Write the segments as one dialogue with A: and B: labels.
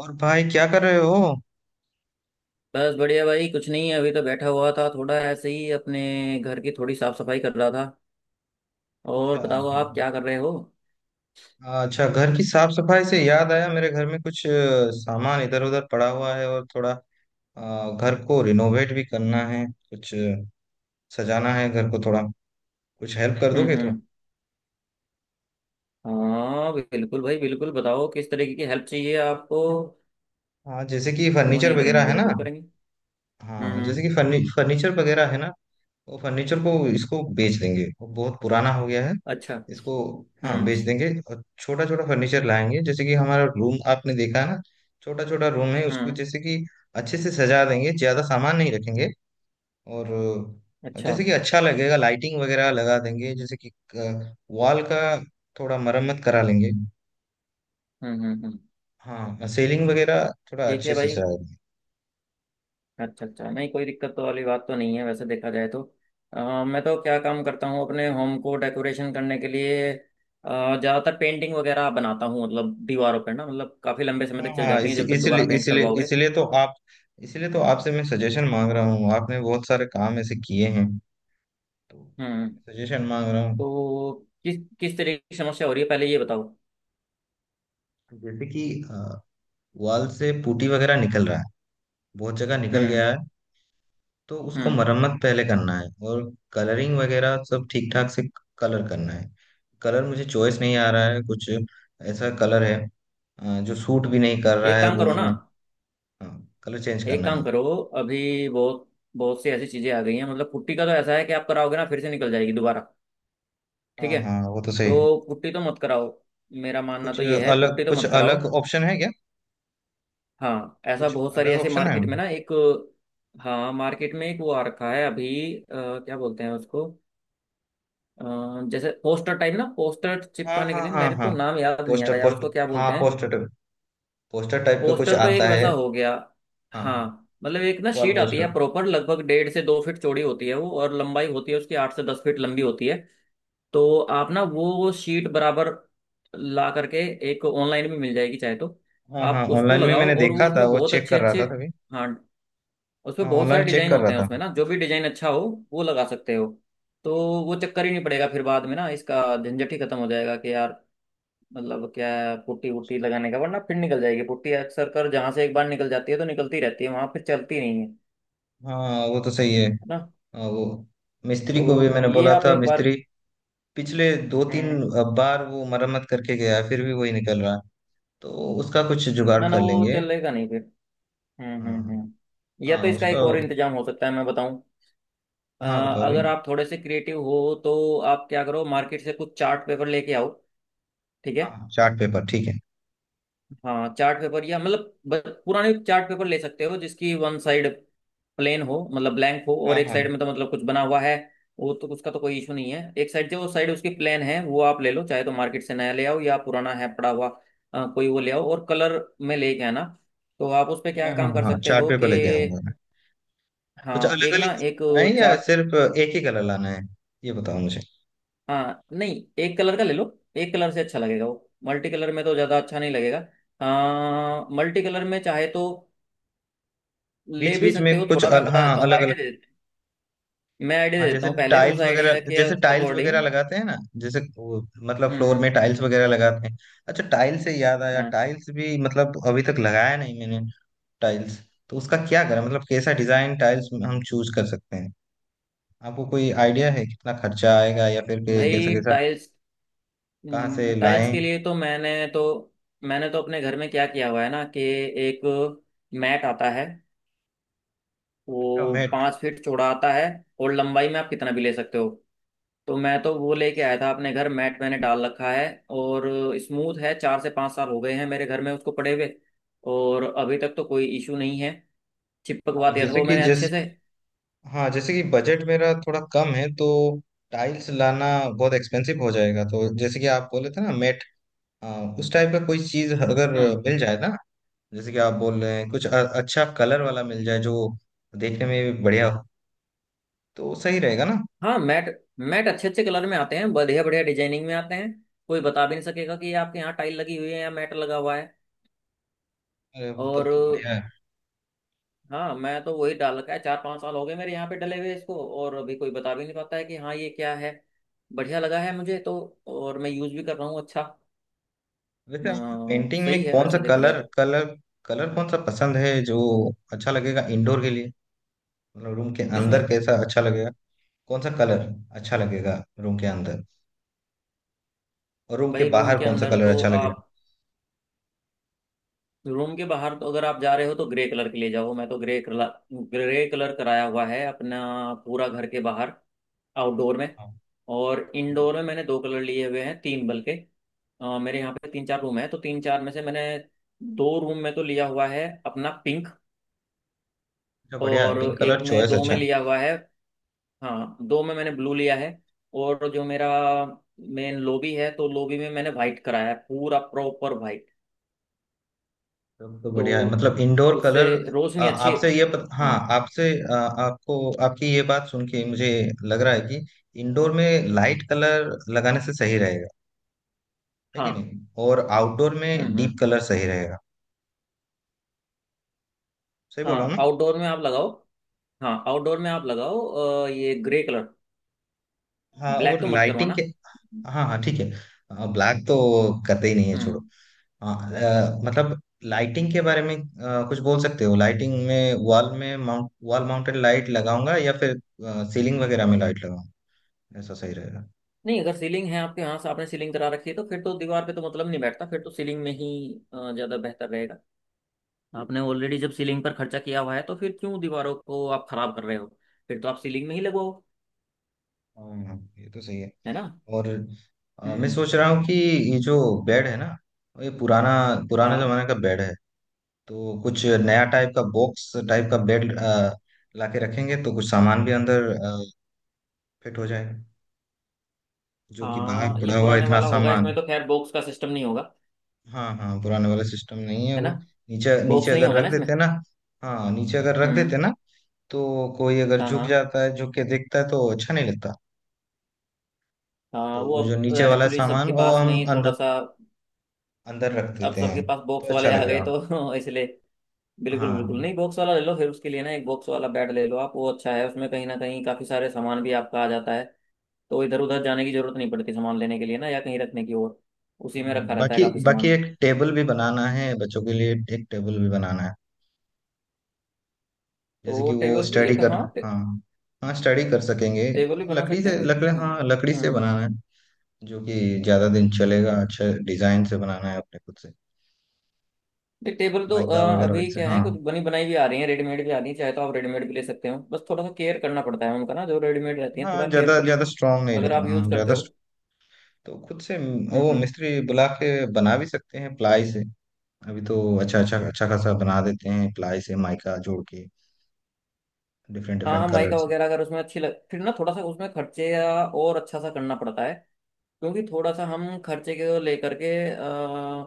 A: और भाई क्या कर रहे हो?
B: बस बढ़िया भाई, कुछ नहीं, अभी तो बैठा हुआ था, थोड़ा ऐसे ही अपने घर की थोड़ी साफ सफाई कर रहा था। और
A: अच्छा।
B: बताओ आप क्या कर रहे हो।
A: हाँ, अच्छा, घर की साफ सफाई से याद आया, मेरे घर में कुछ सामान इधर उधर पड़ा हुआ है और थोड़ा घर को रिनोवेट भी करना है, सजाना है घर को थोड़ा। कुछ हेल्प कर दोगे थोड़ा?
B: हम्म। हाँ बिल्कुल भाई, बिल्कुल, बताओ किस तरीके की हेल्प चाहिए आपको।
A: हाँ, जैसे कि
B: क्यों
A: फर्नीचर
B: नहीं
A: वगैरह
B: करेंगे,
A: है ना।
B: बिल्कुल करेंगे।
A: हाँ,
B: हम्म।
A: जैसे कि फर्नीचर वगैरह है ना। वो फर्नीचर को, इसको बेच देंगे, वो बहुत पुराना हो गया है
B: अच्छा।
A: इसको। हाँ,
B: हम्म
A: बेच देंगे और छोटा छोटा फर्नीचर लाएंगे। जैसे कि हमारा रूम आपने देखा है ना, छोटा छोटा रूम है उसको,
B: हम्म।
A: जैसे कि अच्छे से सजा देंगे, ज्यादा सामान नहीं रखेंगे। और
B: अच्छा।
A: जैसे कि अच्छा लगेगा, लाइटिंग वगैरह लगा देंगे। जैसे कि वॉल का थोड़ा मरम्मत करा लेंगे।
B: हम्म।
A: हाँ, सीलिंग वगैरह थोड़ा
B: ठीक
A: अच्छे
B: है
A: से
B: भाई।
A: सजा देंगे।
B: अच्छा अच्छा, नहीं कोई दिक्कत तो वाली बात तो नहीं है वैसे देखा जाए तो। मैं तो क्या काम करता हूँ, अपने होम को डेकोरेशन करने के लिए ज्यादातर पेंटिंग वगैरह बनाता हूँ, मतलब दीवारों पर ना, मतलब काफी लंबे समय तक चल
A: हाँ
B: जाती है
A: इस,
B: जब तक
A: इसलिए
B: दोबारा पेंट
A: इसलिए
B: करवाओगे।
A: इसलिए तो आप, इसलिए तो आपसे मैं सजेशन मांग रहा हूँ। आपने बहुत सारे काम ऐसे किए हैं, तो
B: हम्म।
A: सजेशन मांग रहा हूँ।
B: तो किस किस तरीके की समस्या हो रही है पहले ये बताओ।
A: जैसे कि अ, वॉल से पुटी वगैरह निकल रहा है, बहुत जगह निकल
B: हम्म
A: गया है। तो उसको
B: हम्म।
A: मरम्मत पहले करना है और कलरिंग वगैरह सब ठीक ठाक से कलर करना है। कलर मुझे चॉइस नहीं आ रहा है, कुछ ऐसा कलर है जो सूट भी नहीं कर रहा
B: एक
A: है
B: काम करो
A: रूम
B: ना।
A: में। हाँ, कलर चेंज
B: एक
A: करना है
B: काम
A: मुझे।
B: करो। अभी बहुत बहुत सी ऐसी चीजें आ गई हैं। मतलब पुट्टी का तो ऐसा है कि आप कराओगे ना फिर से निकल जाएगी दोबारा। ठीक
A: हाँ
B: है।
A: हाँ, वो तो सही है।
B: तो पुट्टी तो मत कराओ। मेरा मानना
A: कुछ
B: तो ये है,
A: अलग,
B: पुट्टी तो
A: कुछ
B: मत कराओ।
A: अलग ऑप्शन है क्या?
B: हाँ ऐसा
A: कुछ
B: बहुत सारी
A: अलग
B: ऐसे
A: ऑप्शन है।
B: मार्केट में ना एक, हाँ मार्केट में एक वो आ रखा है अभी। क्या बोलते हैं उसको। अ, जैसे पोस्टर टाइप ना, पोस्टर
A: हाँ
B: चिपकाने के
A: हाँ
B: लिए,
A: हाँ
B: मेरे
A: हाँ।
B: को नाम याद नहीं आ
A: पोस्टर
B: रहा यार
A: पोस्ट
B: उसको क्या
A: हाँ
B: बोलते हैं।
A: पोस्टर, पोस्टर टाइप का कुछ
B: पोस्टर तो एक
A: आता है।
B: वैसा हो गया। हाँ
A: हाँ,
B: मतलब एक ना
A: वॉल
B: शीट आती
A: पोस्टर।
B: है प्रॉपर, लगभग 1.5 से 2 फीट चौड़ी होती है वो, और लंबाई होती है उसकी 8 से 10 फीट लंबी होती है। तो आप ना वो शीट बराबर ला करके, एक ऑनलाइन भी मिल जाएगी चाहे तो।
A: हाँ हाँ,
B: आप उसको
A: ऑनलाइन में
B: लगाओ
A: मैंने
B: और वो
A: देखा था,
B: उसमें
A: वो
B: बहुत
A: चेक कर
B: अच्छे
A: रहा
B: अच्छे,
A: था तभी।
B: हाँ उसमें
A: हाँ,
B: बहुत सारे
A: ऑनलाइन चेक
B: डिजाइन
A: कर रहा
B: होते हैं,
A: था।
B: उसमें ना जो भी डिजाइन अच्छा हो वो लगा सकते हो। तो वो चक्कर ही नहीं पड़ेगा फिर बाद में ना, इसका झंझट ही खत्म हो जाएगा कि यार मतलब क्या है, पुट्टी वुट्टी लगाने का, वरना फिर निकल जाएगी पुट्टी, अक्सर कर जहां से एक बार निकल जाती है तो निकलती रहती है, वहां फिर चलती नहीं है, है
A: हाँ, वो तो सही है।
B: ना।
A: हाँ, वो मिस्त्री को भी
B: तो
A: मैंने
B: ये
A: बोला
B: आप
A: था।
B: एक बार।
A: मिस्त्री पिछले दो तीन
B: हम्म।
A: बार वो मरम्मत करके गया है, फिर भी वही निकल रहा है। तो उसका कुछ जुगाड़
B: ना ना
A: कर
B: वो
A: लेंगे।
B: चलेगा नहीं फिर।
A: हाँ
B: या तो
A: हाँ,
B: इसका
A: उसका।
B: एक और इंतजाम हो सकता है, मैं बताऊं। अ,
A: हाँ, बताओ भाई।
B: अगर आप थोड़े से क्रिएटिव हो तो आप क्या करो, मार्केट से कुछ चार्ट पेपर लेके आओ। ठीक है।
A: हाँ, चार्ट पेपर ठीक है।
B: हाँ चार्ट पेपर, या मतलब पुराने चार्ट पेपर ले सकते हो जिसकी वन साइड प्लेन हो, मतलब ब्लैंक हो,
A: हाँ
B: और एक साइड
A: हाँ
B: में तो मतलब कुछ बना हुआ है वो तो उसका तो कोई इशू नहीं है। एक साइड जो साइड उसकी प्लेन है वो आप ले लो, चाहे तो मार्केट से नया ले आओ, या पुराना है पड़ा हुआ। कोई वो ले आओ, और कलर में लेके आना। तो आप उस पे क्या
A: हाँ हाँ।
B: काम कर
A: हाँ,
B: सकते
A: चार्ट
B: हो कि,
A: पेपर लेके आऊंगा। कुछ
B: हाँ
A: अलग
B: एक ना
A: अलग
B: एक
A: लाना है या
B: चार्ट।
A: सिर्फ एक ही कलर लाना है, ये बताओ मुझे।
B: हाँ नहीं, एक कलर का ले लो। एक कलर से अच्छा लगेगा, वो मल्टी कलर में तो ज्यादा अच्छा नहीं लगेगा। हाँ मल्टी कलर में चाहे तो ले
A: बीच
B: भी
A: बीच
B: सकते
A: में
B: हो
A: कुछ
B: थोड़ा, मैं
A: अल,
B: बता
A: हाँ
B: देता हूँ,
A: अलग अलग।
B: आइडिया दे देता हूँ, मैं आइडिया
A: हाँ,
B: दे देता
A: जैसे
B: हूँ, पहले उस
A: टाइल्स वगैरह,
B: आइडिया के
A: जैसे टाइल्स वगैरह
B: अकॉर्डिंग।
A: लगाते हैं ना। जैसे वो, मतलब फ्लोर
B: हम्म।
A: में टाइल्स वगैरह लगाते हैं। अच्छा, टाइल्स से याद आया,
B: हाँ
A: टाइल्स भी मतलब अभी तक लगाया नहीं मैंने। टाइल्स, तो उसका क्या करें, मतलब कैसा डिजाइन टाइल्स हम चूज कर सकते हैं? आपको कोई आइडिया है कितना खर्चा आएगा या कैसा
B: भाई
A: कैसा,
B: टाइल्स।
A: कहाँ से
B: टाइल्स
A: लाएं?
B: के लिए तो मैंने तो अपने घर में क्या किया हुआ है ना कि एक मैट आता है।
A: अच्छा,
B: वो
A: मैट।
B: 5 फीट चौड़ा आता है और लंबाई में आप कितना भी ले सकते हो। तो मैं तो वो लेके आया था अपने घर, मैट मैंने डाल रखा है और स्मूथ है। 4 से 5 साल हो गए हैं मेरे घर में उसको पड़े हुए, और अभी तक तो कोई इशू नहीं है। चिपकवा
A: हाँ
B: दिया था
A: जैसे
B: वो
A: कि
B: मैंने
A: जिस
B: अच्छे से।
A: हाँ, जैसे कि बजट मेरा थोड़ा कम है, तो टाइल्स लाना बहुत एक्सपेंसिव हो जाएगा। तो जैसे कि आप बोले थे ना, मैट, उस टाइप का कोई चीज अगर
B: हम्म।
A: मिल जाए ना, जैसे कि आप बोल रहे हैं, अच्छा कलर वाला मिल जाए जो देखने में भी बढ़िया हो, तो सही रहेगा ना।
B: हाँ मैट मैट अच्छे अच्छे कलर में आते हैं, बढ़िया बढ़िया डिजाइनिंग में आते हैं। कोई बता भी नहीं सकेगा कि ये आपके यहाँ टाइल लगी हुई है या मैट लगा हुआ है।
A: अरे, तब
B: और
A: तो बढ़िया है।
B: हाँ, मैं तो वही डाल रखा है, चार पांच साल हो गए मेरे यहाँ पे डले हुए इसको, और अभी कोई बता भी नहीं पाता है कि हाँ ये क्या है। बढ़िया लगा है मुझे तो, और मैं यूज भी कर रहा हूँ। अच्छा।
A: वैसे आपकी पेंटिंग
B: सही
A: में
B: है
A: कौन सा
B: वैसे देखा जाए
A: कलर,
B: तो।
A: कलर कौन सा पसंद है जो अच्छा लगेगा इंडोर के लिए? मतलब रूम के अंदर
B: किसमें।
A: कैसा अच्छा लगेगा? कौन सा कलर अच्छा लगेगा रूम के अंदर और रूम के
B: भाई रूम
A: बाहर
B: के
A: कौन सा
B: अंदर
A: कलर
B: तो
A: अच्छा लगेगा?
B: आप, रूम के बाहर तो अगर आप जा रहे हो तो ग्रे कलर के ले जाओ। मैं तो ग्रे कलर, ग्रे कलर कराया हुआ है अपना पूरा घर के बाहर, आउटडोर में। और
A: अच्छा।
B: इंडोर में मैंने दो कलर लिए हुए हैं, तीन बल्कि। मेरे यहाँ पे तीन चार रूम है, तो तीन चार में से मैंने दो रूम में तो लिया हुआ है अपना पिंक,
A: बढ़िया है,
B: और
A: पिंक
B: एक
A: कलर
B: में
A: चॉइस
B: दो
A: अच्छा
B: में
A: है।
B: लिया हुआ है। हाँ दो में मैंने ब्लू लिया है। और जो मेरा मेन लॉबी है, तो लॉबी में मैंने वाइट कराया है, पूरा प्रॉपर वाइट।
A: तब तो बढ़िया है,
B: तो
A: मतलब इंडोर
B: उससे
A: कलर। आ,
B: रोशनी अच्छी।
A: आपसे ये पत, हाँ
B: हाँ
A: आपसे आ, आपको, आपकी ये बात सुन के मुझे लग रहा है कि इंडोर में लाइट कलर लगाने से सही रहेगा, है कि
B: हाँ।
A: नहीं, और आउटडोर में डीप
B: हम्म।
A: कलर सही रहेगा। सही बोला हूँ
B: हाँ
A: ना?
B: आउटडोर में आप लगाओ। हाँ आउटडोर में आप लगाओ ये ग्रे कलर।
A: हाँ,
B: ब्लैक
A: और
B: तो मत
A: लाइटिंग के,
B: करवाना।
A: हाँ हाँ ठीक है। ब्लैक तो करते ही नहीं है, छोड़ो।
B: हम्म।
A: हाँ, मतलब लाइटिंग के बारे में कुछ बोल सकते हो? लाइटिंग में वॉल में माउंट वॉल माउंटेड लाइट लगाऊंगा या फिर सीलिंग वगैरह में लाइट लगाऊंगा, ऐसा सही रहेगा?
B: नहीं, अगर सीलिंग है आपके यहाँ से, आपने सीलिंग करा रखी है तो फिर तो दीवार पे तो मतलब नहीं बैठता, फिर तो सीलिंग में ही ज्यादा बेहतर रहेगा। आपने ऑलरेडी जब सीलिंग पर खर्चा किया हुआ है तो फिर क्यों दीवारों को आप खराब कर रहे हो, फिर तो आप सीलिंग में ही लगवाओ,
A: हाँ, ये तो सही है।
B: है ना।
A: और मैं
B: हम्म।
A: सोच रहा हूँ कि ये जो बेड है ना, ये पुराना, पुराने
B: हाँ
A: जमाने का बेड है। तो कुछ नया टाइप का, बॉक्स टाइप का बेड लाके रखेंगे तो कुछ सामान भी अंदर फिट हो जाएगा, जो कि बाहर
B: हाँ, ये
A: पड़ा हुआ है
B: पुराने
A: इतना
B: वाला होगा,
A: सामान।
B: इसमें तो खैर बॉक्स का सिस्टम नहीं होगा,
A: हाँ हाँ, पुराने वाला सिस्टम नहीं है
B: है
A: वो।
B: ना।
A: नीचे नीचे
B: बॉक्स नहीं
A: अगर
B: होगा ना
A: रख
B: इसमें।
A: देते ना, हाँ नीचे अगर रख देते
B: हम्म।
A: ना, तो कोई अगर
B: हाँ
A: झुक
B: हाँ,
A: जाता है, झुक के देखता है तो अच्छा नहीं लगता।
B: हाँ
A: तो
B: वो
A: वो जो
B: अब
A: नीचे वाला
B: एक्चुअली
A: सामान
B: सबके
A: वो
B: पास में
A: हम
B: ही थोड़ा
A: अंदर
B: सा।
A: अंदर रख
B: अब
A: देते
B: सबके
A: हैं,
B: पास बॉक्स
A: तो अच्छा
B: वाले आ गए
A: लगेगा।
B: तो इसलिए, बिल्कुल बिल्कुल,
A: हाँ।
B: नहीं बॉक्स वाला ले लो फिर, उसके लिए ना एक बॉक्स वाला बेड ले लो आप, वो अच्छा है। उसमें कहीं ना कहीं काफी सारे सामान भी आपका आ जाता है, तो इधर उधर जाने की जरूरत नहीं पड़ती सामान लेने के लिए ना, या कहीं रखने की, और उसी में रखा रहता है
A: बाकी
B: काफी
A: बाकी
B: सामान।
A: एक टेबल भी बनाना है बच्चों के लिए, एक टेबल भी बनाना है। जैसे
B: तो
A: कि वो
B: टेबल भी
A: स्टडी
B: एक,
A: कर हाँ, हाँ, स्टडी कर सकेंगे।
B: टेबल भी बना सकते हैं, कोई
A: लकड़ी,
B: दिक्कत नहीं।
A: हाँ लकड़ी से
B: हम्म हम्म।
A: बनाना है, जो कि ज्यादा दिन चलेगा। अच्छा डिजाइन से बनाना है अपने खुद से,
B: नहीं टेबल तो
A: माइका वगैरह
B: अभी
A: से।
B: क्या है,
A: हाँ
B: कुछ बनी बनाई भी आ रही है, रेडीमेड भी आ रही है। चाहे तो आप रेडीमेड भी ले सकते हो, बस थोड़ा सा केयर करना पड़ता है उनका ना, जो रेडीमेड रहती है
A: हाँ,
B: थोड़ा
A: ज्यादा
B: केयरफुली
A: ज्यादा स्ट्रांग नहीं
B: अगर
A: रहता।
B: आप यूज करते हो।
A: तो वो
B: हम्म।
A: मिस्त्री बुला के बना भी सकते हैं प्लाई से। अभी तो अच्छा अच्छा अच्छा खासा बना देते हैं प्लाई से, माइका जोड़ के, डिफरेंट डिफरेंट
B: हाँ
A: कलर
B: माइका
A: से।
B: वगैरह अगर उसमें अच्छी लग, फिर ना थोड़ा सा उसमें खर्चे या, और अच्छा सा करना पड़ता है, क्योंकि थोड़ा सा हम खर्चे को लेकर के, आ,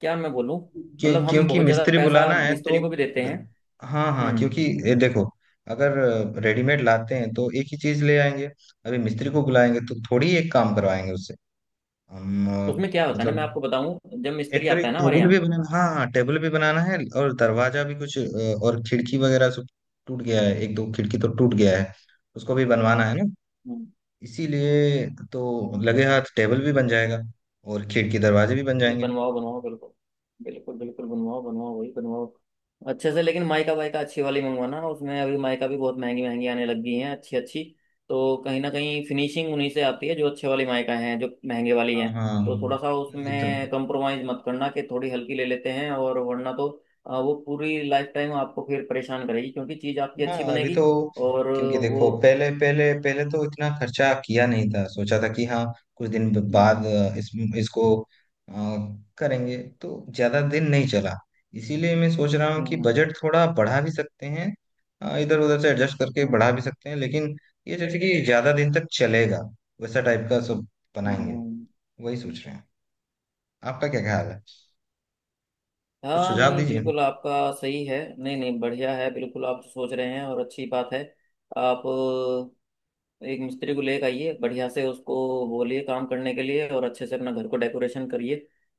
B: क्या मैं बोलूँ, मतलब हम
A: क्योंकि
B: बहुत ज़्यादा
A: मिस्त्री
B: पैसा
A: बुलाना है तो,
B: मिस्त्री को भी देते हैं।
A: द, हाँ हाँ,
B: हम्म।
A: क्योंकि ये देखो, अगर रेडीमेड लाते हैं तो एक ही चीज ले आएंगे, अभी मिस्त्री को बुलाएंगे तो थोड़ी एक काम करवाएंगे उससे। हम
B: उसमें क्या होता है ना,
A: मतलब
B: मैं आपको बताऊं, जब मिस्त्री
A: एक्चुअली
B: आता है ना हमारे
A: टेबल भी
B: यहाँ।
A: बनाना, हाँ हाँ, टेबल भी बनाना है, और दरवाजा भी कुछ, और खिड़की वगैरह सब टूट गया है, एक दो खिड़की तो टूट गया है, उसको भी बनवाना है ना, इसीलिए। तो लगे हाथ टेबल भी बन जाएगा, और खिड़की दरवाजे भी बन
B: नहीं
A: जाएंगे।
B: बनवाओ बनवाओ, बिल्कुल बिल्कुल बिल्कुल, बनवाओ बनवाओ, वही बनवाओ अच्छे से, लेकिन माइका वाइका अच्छी वाली मंगवाना। उसमें अभी माइका भी बहुत महंगी महंगी आने लग गई हैं, अच्छी अच्छी। तो कहीं ना कहीं फिनिशिंग उन्हीं से आती है जो अच्छे वाली माइका हैं, जो महंगे वाली
A: हाँ
B: हैं।
A: हाँ,
B: तो थोड़ा सा
A: जितना,
B: उसमें कंप्रोमाइज मत करना कि थोड़ी हल्की ले लेते हैं और, वरना तो वो पूरी लाइफ टाइम आपको फिर परेशान करेगी, क्योंकि चीज़ आपकी
A: हाँ
B: अच्छी
A: अभी
B: बनेगी
A: तो,
B: और
A: क्योंकि
B: वो।
A: देखो, पहले पहले पहले तो इतना खर्चा किया नहीं था, सोचा था कि हाँ कुछ दिन बाद
B: हम्म
A: इस, इसको अ, करेंगे, तो ज्यादा दिन नहीं चला। इसीलिए मैं सोच रहा हूँ
B: हम्म
A: कि
B: हम्म
A: बजट थोड़ा बढ़ा भी सकते हैं, इधर उधर से एडजस्ट करके
B: हम्म
A: बढ़ा भी सकते हैं, लेकिन ये जैसे कि ज्यादा दिन तक चलेगा, वैसा टाइप का सब
B: हम्म
A: बनाएंगे,
B: हम्म।
A: वही सोच रहे हैं। आपका क्या ख्याल है? कुछ
B: हाँ
A: सुझाव
B: नहीं
A: दीजिए।
B: बिल्कुल आपका सही है, नहीं नहीं बढ़िया है बिल्कुल, आप सोच रहे हैं और, अच्छी बात है। आप एक मिस्त्री को लेकर आइए, बढ़िया से उसको बोलिए काम करने के लिए, और अच्छे से अपना घर को डेकोरेशन करिए।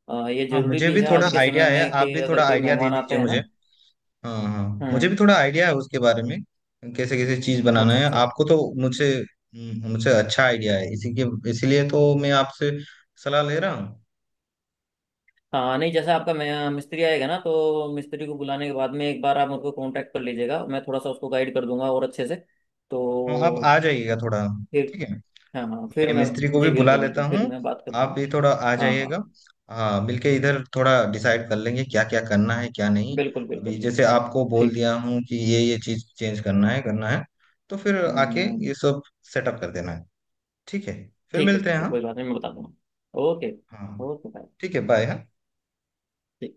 B: ये
A: हाँ,
B: जरूरी
A: मुझे
B: भी
A: भी
B: है
A: थोड़ा
B: आज के
A: आइडिया
B: समय
A: है,
B: में
A: आप
B: कि
A: भी
B: अगर
A: थोड़ा
B: कोई
A: आइडिया दे
B: मेहमान आते
A: दीजिए
B: हैं
A: मुझे।
B: ना।
A: हाँ हाँ, मुझे
B: हम्म।
A: भी थोड़ा आइडिया है उसके बारे में, कैसे कैसे चीज बनाना
B: अच्छा
A: है।
B: अच्छा।
A: आपको तो मुझे मुझे अच्छा आइडिया है इसी के, इसीलिए तो मैं आपसे सलाह ले रहा हूँ।
B: हाँ नहीं, जैसा आपका मिस्त्री आएगा ना तो मिस्त्री को बुलाने के बाद में एक बार आप मुझको कांटेक्ट कर लीजिएगा, मैं थोड़ा सा उसको गाइड कर दूंगा और अच्छे से,
A: हाँ, आप
B: तो
A: आ जाइएगा थोड़ा,
B: फिर।
A: ठीक है,
B: हाँ हाँ फिर
A: मैं
B: मैं।
A: मिस्त्री को
B: जी
A: भी बुला
B: बिल्कुल
A: लेता
B: बिल्कुल, फिर
A: हूँ,
B: मैं बात करता
A: आप
B: हूँ।
A: भी थोड़ा आ
B: हाँ
A: जाइएगा।
B: हाँ
A: हाँ, मिलके इधर थोड़ा डिसाइड कर लेंगे क्या क्या करना है क्या नहीं।
B: बिल्कुल
A: अभी
B: बिल्कुल
A: जैसे
B: बिल्कुल।
A: आपको बोल
B: ठीक है।
A: दिया हूँ कि ये चीज चेंज करना है, तो फिर आके
B: अम्म,
A: ये सब सेटअप कर देना है। ठीक है, फिर
B: ठीक है
A: मिलते हैं।
B: ठीक है,
A: हाँ
B: कोई बात नहीं, मैं बता दूंगा। ओके।
A: हाँ,
B: ओके बाय।
A: ठीक है, बाय। हाँ।
B: ठीक